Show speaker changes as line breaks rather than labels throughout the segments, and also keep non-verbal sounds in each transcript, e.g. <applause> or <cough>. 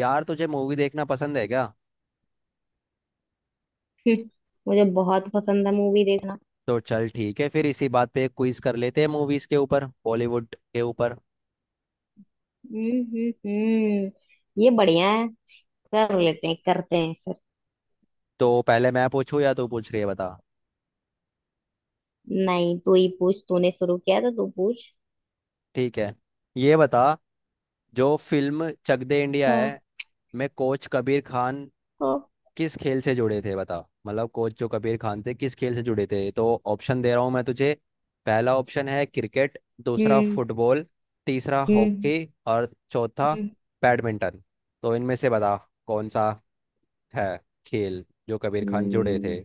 यार तुझे मूवी देखना पसंद है क्या।
हम्म, मुझे बहुत पसंद है मूवी देखना।
तो चल ठीक है फिर इसी बात पे एक क्विज कर लेते हैं मूवीज के ऊपर, बॉलीवुड के ऊपर।
हम्म, ये बढ़िया है। कर
हम्म।
लेते हैं, करते हैं फिर।
तो पहले मैं पूछूं या तू पूछ रही है, बता।
नहीं, तू ही पूछ। तूने शुरू किया तो तू पूछ।
ठीक है, ये बता, जो फिल्म चक दे इंडिया
हाँ।
है में कोच कबीर खान
हाँ।
किस खेल से जुड़े थे, बता। मतलब कोच जो कबीर खान थे किस खेल से जुड़े थे, तो ऑप्शन दे रहा हूँ मैं तुझे। पहला ऑप्शन है क्रिकेट, दूसरा
हम्म
फुटबॉल, तीसरा
हम्म
हॉकी और चौथा
हम्म,
बैडमिंटन। तो इनमें से बता कौन सा है खेल जो कबीर खान जुड़े
हम्म,
थे।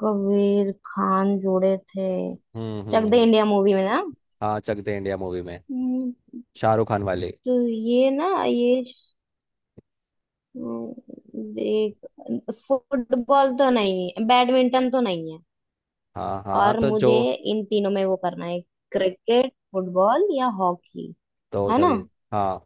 कबीर खान जुड़े थे
हम्म हम्म
चक दे
हम्म
इंडिया मूवी में ना।
हाँ चक दे इंडिया मूवी में,
हम्म,
शाहरुख खान वाली।
तो ये ना हम्म, देख। फुटबॉल तो नहीं है, बैडमिंटन तो नहीं है।
हाँ हाँ,
और
तो जो
मुझे इन तीनों में वो करना है, क्रिकेट, फुटबॉल या हॉकी।
तो
है ना?
चल। हाँ,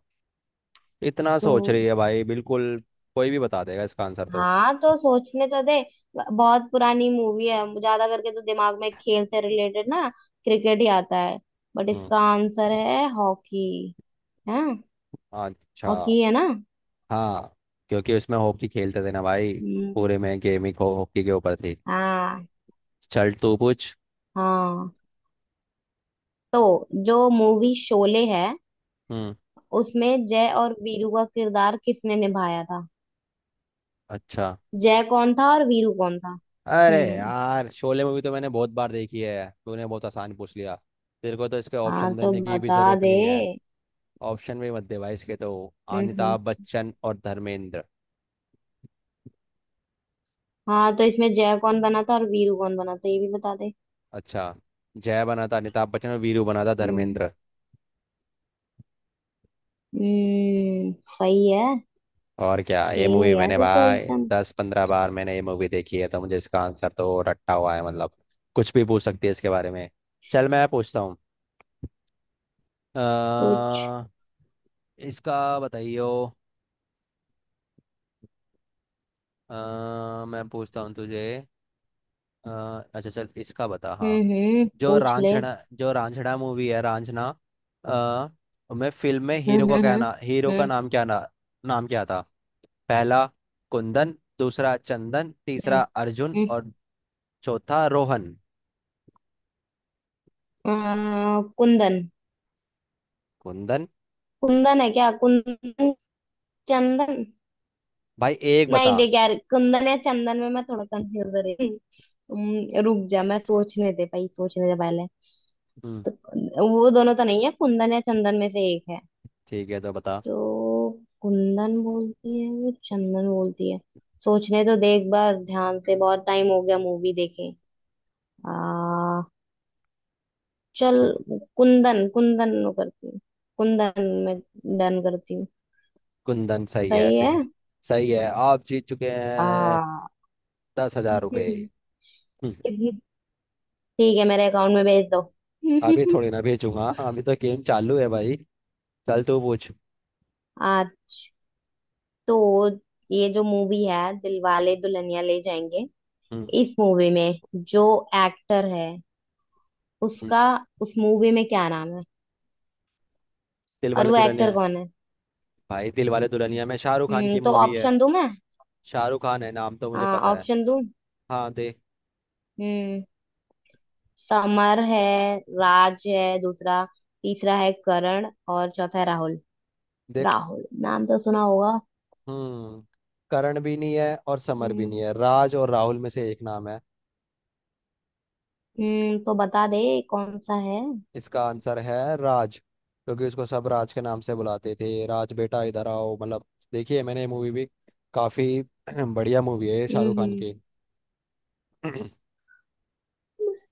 इतना
तो
सोच रही है भाई, बिल्कुल कोई भी बता देगा इसका आंसर तो।
हाँ, तो सोचने तो दे। बहुत पुरानी मूवी है, ज्यादा करके तो दिमाग में खेल से रिलेटेड ना क्रिकेट ही आता है। बट
हम्म।
इसका आंसर है हॉकी। है।
अच्छा।
हॉकी है ना।
हाँ, क्योंकि उसमें हॉकी खेलते थे ना भाई,
हम्म।
पूरे में गेमिंग हो हॉकी के ऊपर थी।
हाँ
चल तू पूछ।
हाँ। तो जो मूवी शोले है,
हम्म।
उसमें जय और वीरू का किरदार किसने निभाया था?
अच्छा,
जय कौन था और वीरू कौन था?
अरे
हम्म।
यार, शोले मूवी तो मैंने बहुत बार देखी है, तूने बहुत आसान पूछ लिया। तेरे को तो इसके
हाँ,
ऑप्शन
तो
देने की भी
बता
जरूरत
दे।
नहीं है, ऑप्शन भी मत दे भाई इसके तो।
हम्म।
अमिताभ बच्चन और धर्मेंद्र।
हाँ, तो इसमें जय कौन बना था और वीरू कौन बना था ये भी बता दे।
अच्छा, जय बना था अमिताभ बच्चन और वीरू बना था
हम्म।
धर्मेंद्र।
हम्म। सही है।
और क्या, ये
खेल
मूवी
गया
मैंने
तू तो
भाई
एकदम।
10-15 बार मैंने ये मूवी देखी है, तो मुझे इसका आंसर तो रट्टा हुआ है, मतलब कुछ भी पूछ सकती है इसके बारे में। चल मैं पूछता हूँ। अ,
पूछ।
इसका बताइयो। अ, मैं पूछता हूँ तुझे। अ, अच्छा चल इसका बता, हाँ।
हम्म,
जो
पूछ ले।
रांझना जो रांझना मूवी है रांझना, आ, मैं फिल्म में
हम्म हम्म
हीरो का
हम्म
नाम क्या ना नाम क्या था। पहला कुंदन, दूसरा चंदन,
हम्म
तीसरा अर्जुन
हम्म।
और चौथा रोहन।
हम्म। कुंदन।
कुंदन,
कुंदन है क्या? कुंदन, चंदन।
भाई एक बता।
नहीं, देख यार, कुंदन या चंदन में मैं थोड़ा कंफ्यूज हो रही हूँ। रुक जा, मैं सोचने दे भाई, सोचने दे पहले।
हम्म।
तो वो दोनों तो नहीं है, कुंदन या चंदन में से एक है।
ठीक है, तो बता।
तो कुंदन बोलती है, वो चंदन बोलती है। सोचने तो दे एक बार ध्यान से, बहुत टाइम हो गया मूवी देखे। आ, चल,
ठीक,
कुंदन कुंदन वो करती हूँ। कुंदन में डन करती हूँ।
कुंदन सही है
सही है।
फिर। सही है, आप जीत चुके हैं
आ।
10,000 रुपये।
हम्म,
हम्म।
ठीक है, मेरे अकाउंट में भेज दो।
अभी
<laughs>
थोड़ी ना भेजूंगा, अभी तो गेम चालू है भाई। चल तू पूछ।
आज, तो ये जो मूवी है दिलवाले दुल्हनिया ले जाएंगे,
हम्म।
इस मूवी में जो एक्टर है,
हम्म,
उसका उस मूवी में क्या नाम है?
दिल
और
वाले
वो एक्टर
दुल्हनिया।
कौन है?
भाई दिलवाले दुल्हनिया में शाहरुख खान
हम्म,
की
तो
मूवी है,
ऑप्शन दूं मैं?
शाहरुख खान है नाम तो मुझे पता है।
ऑप्शन दूं?
हाँ देख।
हम्म। समर है, राज है दूसरा, तीसरा है करण और चौथा है राहुल।
देख।
राहुल नाम तो सुना होगा।
हम्म, करण भी नहीं है और समर भी नहीं
हम्म।
है, राज और राहुल में से एक नाम है।
हम्म, तो बता दे, कौन सा है।
इसका आंसर है राज, क्योंकि उसको सब राज के नाम से बुलाते थे, राज बेटा इधर आओ मतलब। देखिए मैंने ये मूवी भी काफी <clears throat> बढ़िया मूवी है शाहरुख खान
हम्म।
की। <clears throat>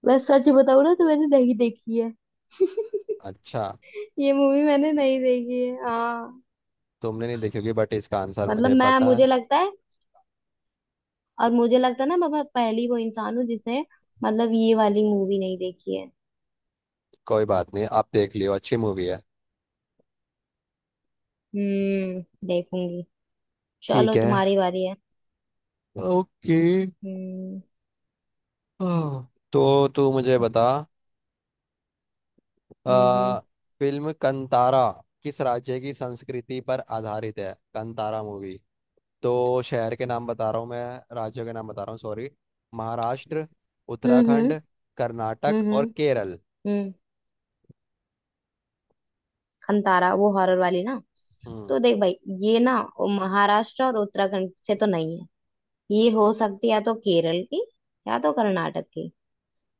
मैं सच बताऊं ना, तो मैंने नहीं देखी है। <laughs>
अच्छा,
ये मूवी मैंने नहीं देखी है, हाँ।
तुमने नहीं देखी होगी बट इसका आंसर
मतलब
मुझे
मैं,
पता है।
मुझे लगता है, और मुझे लगता है ना, मैं पहली वो इंसान हूँ जिसने मतलब ये वाली मूवी नहीं देखी है।
कोई बात नहीं, आप देख लियो, अच्छी मूवी है।
हम्म। देखूंगी।
ठीक
चलो,
है,
तुम्हारी बारी है।
ओके।
हम्म।
हाँ। तो तू मुझे
पूछो।
बता।
हम्म।
आ, फिल्म कंतारा किस राज्य की संस्कृति पर आधारित है, कंतारा मूवी। तो शहर के नाम बता रहा हूँ, मैं राज्यों के नाम बता रहा हूँ सॉरी। महाराष्ट्र,
हम्म
उत्तराखंड, कर्नाटक और
हम्म,
केरल।
हम्म, खंतारा वो हॉरर वाली ना।
हम्म
तो देख भाई, ये ना वो महाराष्ट्र और उत्तराखंड से तो नहीं है। ये हो सकती है या तो केरल की, या तो कर्नाटक की।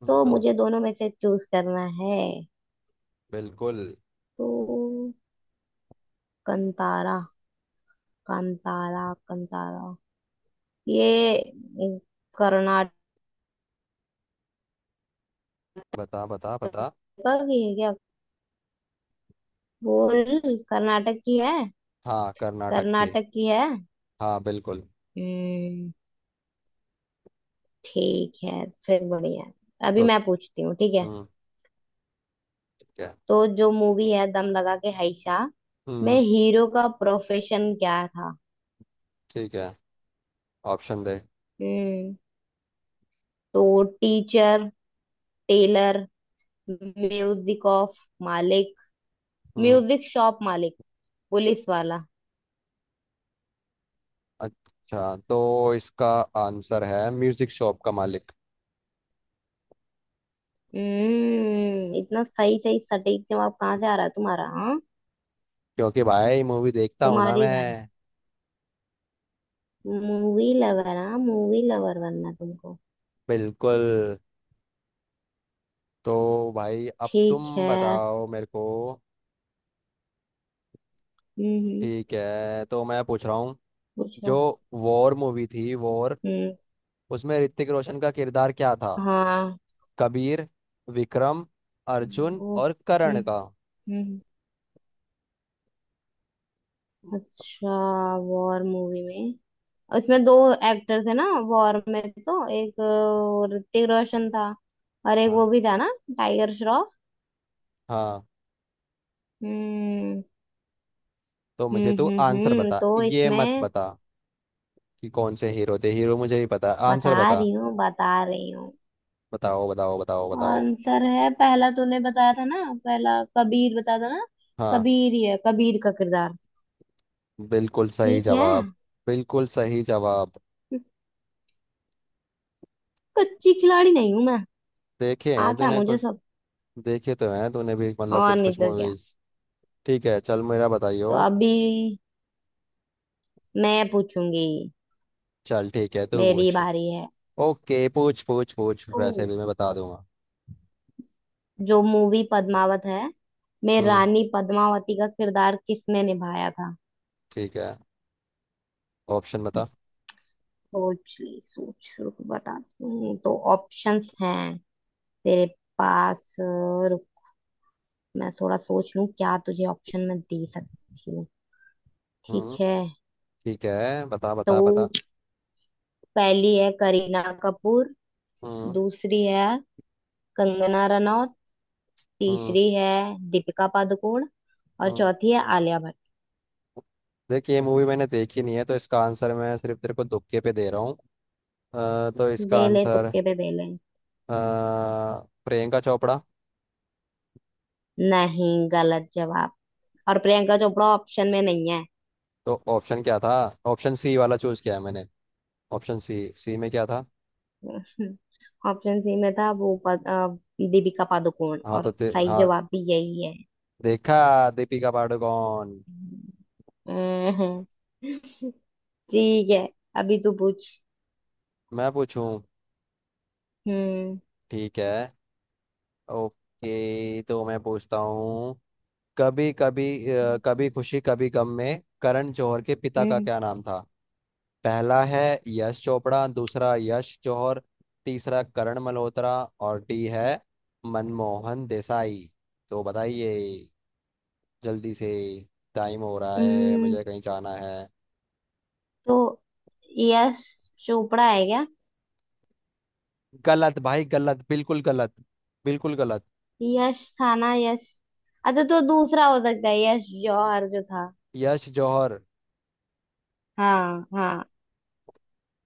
तो
तो
मुझे दोनों में से चूज करना है।
बिल्कुल।
तो कंतारा, कंतारा, कंतारा, ये कर्नाटक
बता बता बता।
की है क्या? बोल। कर्नाटक की है।
हाँ, कर्नाटक के।
कर्नाटक की है।
हाँ बिल्कुल।
हम्म। ठीक है फिर, बढ़िया है। अभी
तो
मैं पूछती हूँ, ठीक है।
हम्म, ठीक है।
तो जो मूवी है दम लगा के हाइशा में
हम्म,
हीरो का प्रोफेशन क्या था?
ठीक है, ऑप्शन दे।
हम्म, तो टीचर, टेलर, म्यूजिक ऑफ मालिक,
हम्म।
म्यूजिक शॉप मालिक, पुलिस वाला।
अच्छा, तो इसका आंसर है म्यूजिक शॉप का मालिक।
हम्म, इतना सही सही सटीक जवाब कहाँ से आ रहा है तुम्हारा, हाँ।
क्योंकि भाई मूवी देखता हूँ ना
तुम्हारी बारी।
मैं।
मूवी लवर, हाँ, मूवी लवर बनना तुमको।
बिल्कुल। तो भाई अब
ठीक
तुम
है।
बताओ मेरे को।
हम्म हम्म,
ठीक है, तो मैं पूछ रहा हूँ।
पूछो।
जो वॉर मूवी थी वॉर,
हम्म।
उसमें ऋतिक रोशन का किरदार क्या था।
हाँ।
कबीर, विक्रम, अर्जुन
वो।
और
हम्म।
करण का।
हम्म। अच्छा। वॉर मूवी में, उसमें दो एक्टर थे ना, वॉर में तो एक ऋतिक रोशन था, और एक वो
हाँ
भी था ना, टाइगर श्रॉफ।
हाँ,
हम्म।
तो मुझे तू आंसर
हम्म,
बता,
तो
ये मत
इसमें,
बता कि कौन से हीरो थे, हीरो मुझे ही पता है,
बता
आंसर बता।
रही हूँ बता रही हूँ।
बताओ बताओ बताओ बताओ।
आंसर है पहला। तूने बताया था ना पहला, कबीर बताया था ना।
हाँ
कबीर ही है, कबीर का किरदार।
बिल्कुल सही
ठीक है।
जवाब, बिल्कुल सही जवाब।
कच्ची खिलाड़ी नहीं हूं मैं।
देखे हैं
आता है
तूने
मुझे
कुछ,
सब।
देखे तो हैं तूने भी मतलब
और
कुछ
नहीं
कुछ
तो क्या।
मूवीज। ठीक है चल, मेरा
तो
बताइयो।
अभी मैं पूछूंगी,
चल ठीक है, तू
मेरी
पूछ।
बारी है।
ओके, पूछ पूछ पूछ, वैसे
तो
भी मैं बता दूंगा।
जो मूवी पद्मावत है में
हम्म,
रानी पद्मावती का किरदार किसने निभाया था?
ठीक है, ऑप्शन बता।
सोच ले, सोच, रुक बताती हूँ। तो ऑप्शंस हैं तेरे पास। रुक, मैं थोड़ा सोच लूँ क्या तुझे ऑप्शन में दे सकती हूँ। ठीक
हम्म,
है।
ठीक है, बता बता बता।
तो पहली है करीना कपूर,
हम्म
दूसरी है कंगना रनौत,
हम्म
तीसरी है दीपिका पादुकोण और
हम्म
चौथी है आलिया भट्ट।
देख ये मूवी मैंने देखी नहीं है, तो इसका आंसर मैं सिर्फ तेरे को तुक्के पे दे रहा हूँ। तो इसका
दे ले,
आंसर,
तुक्के पे दे ले।
अ, प्रियंका चोपड़ा।
नहीं, गलत जवाब। और प्रियंका चोपड़ा ऑप्शन में नहीं है।
तो ऑप्शन क्या था, ऑप्शन सी वाला चूज किया है मैंने। ऑप्शन सी सी में क्या था।
<laughs> ऑप्शन सी में था वो दीपिका पादुकोण, और सही
हाँ,
जवाब भी यही है।
देखा, दीपिका पादुकोण।
हम्म, ठीक है, अभी तू पूछ।
मैं पूछूं।
हम्म
ठीक है, ओके, तो मैं पूछता हूँ। कभी कभी अ, कभी खुशी कभी गम में करण जौहर के पिता का
हम्म
क्या नाम था। पहला है यश चोपड़ा, दूसरा यश जौहर, तीसरा करण मल्होत्रा और डी है मनमोहन देसाई। तो बताइए जल्दी से, टाइम हो रहा है
हम्म,
मुझे कहीं जाना है।
तो यश चोपड़ा है क्या?
गलत भाई, गलत, बिल्कुल गलत।
यश था ना, यश। अच्छा, तो दूसरा हो सकता है यश जौहर जो था।
यश जौहर,
हाँ हाँ।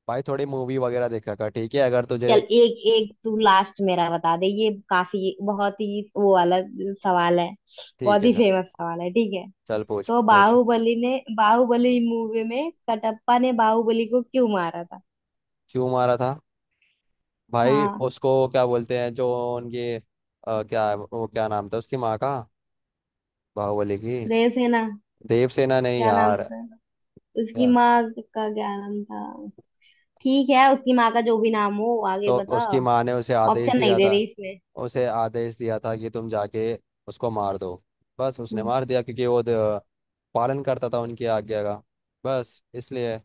भाई थोड़ी मूवी वगैरह देखा कर, ठीक है अगर तुझे।
चल एक एक, तू लास्ट मेरा बता दे, ये काफी बहुत ही वो वाला सवाल है।
ठीक
बहुत
है
ही
चल।
फेमस सवाल है, ठीक है।
चल पूछ
तो
पूछ।
बाहुबली ने, बाहुबली मूवी में कटप्पा ने बाहुबली को क्यों मारा था?
क्यों मारा था, भाई
हाँ।
उसको क्या बोलते हैं जो उनकी, क्या वो क्या नाम था उसकी माँ का, बाहुबली की।
जयसेना।
देवसेना, नहीं
क्या नाम
यार।
था, उसकी
या,
माँ का क्या नाम था? ठीक है, उसकी माँ का जो भी नाम हो, आगे
तो
बता।
उसकी माँ ने उसे आदेश
ऑप्शन नहीं
दिया
दे
था,
रही इसमें।
उसे आदेश दिया था कि तुम जाके उसको मार दो, बस उसने
हम्म,
मार दिया, क्योंकि वो पालन करता था उनकी आज्ञा का, बस इसलिए।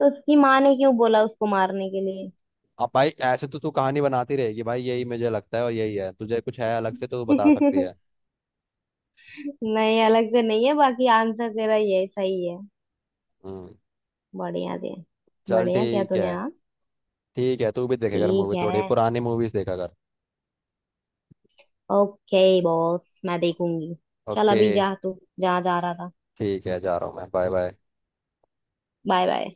तो उसकी माँ ने क्यों बोला उसको मारने के लिए?
अब भाई ऐसे तो तू कहानी बनाती रहेगी भाई, यही मुझे लगता है और यही है, तुझे कुछ है अलग से तो तू बता सकती
<laughs>
है।
नहीं, अलग से नहीं है, बाकी आंसर तेरा ये सही है।
हम्म।
बढ़िया जी।
चल
बढ़िया क्या
ठीक
तूने,
है।
हाँ।
ठीक है, तू भी देखेगा
ठीक
मूवी, थोड़ी
है।
पुरानी मूवीज देखा कर।
ओके बॉस, मैं देखूंगी। चल,
ओके,
अभी जा तू जहाँ जा रहा था।
ठीक है, जा रहा हूँ मैं, बाय बाय।
Bye bye.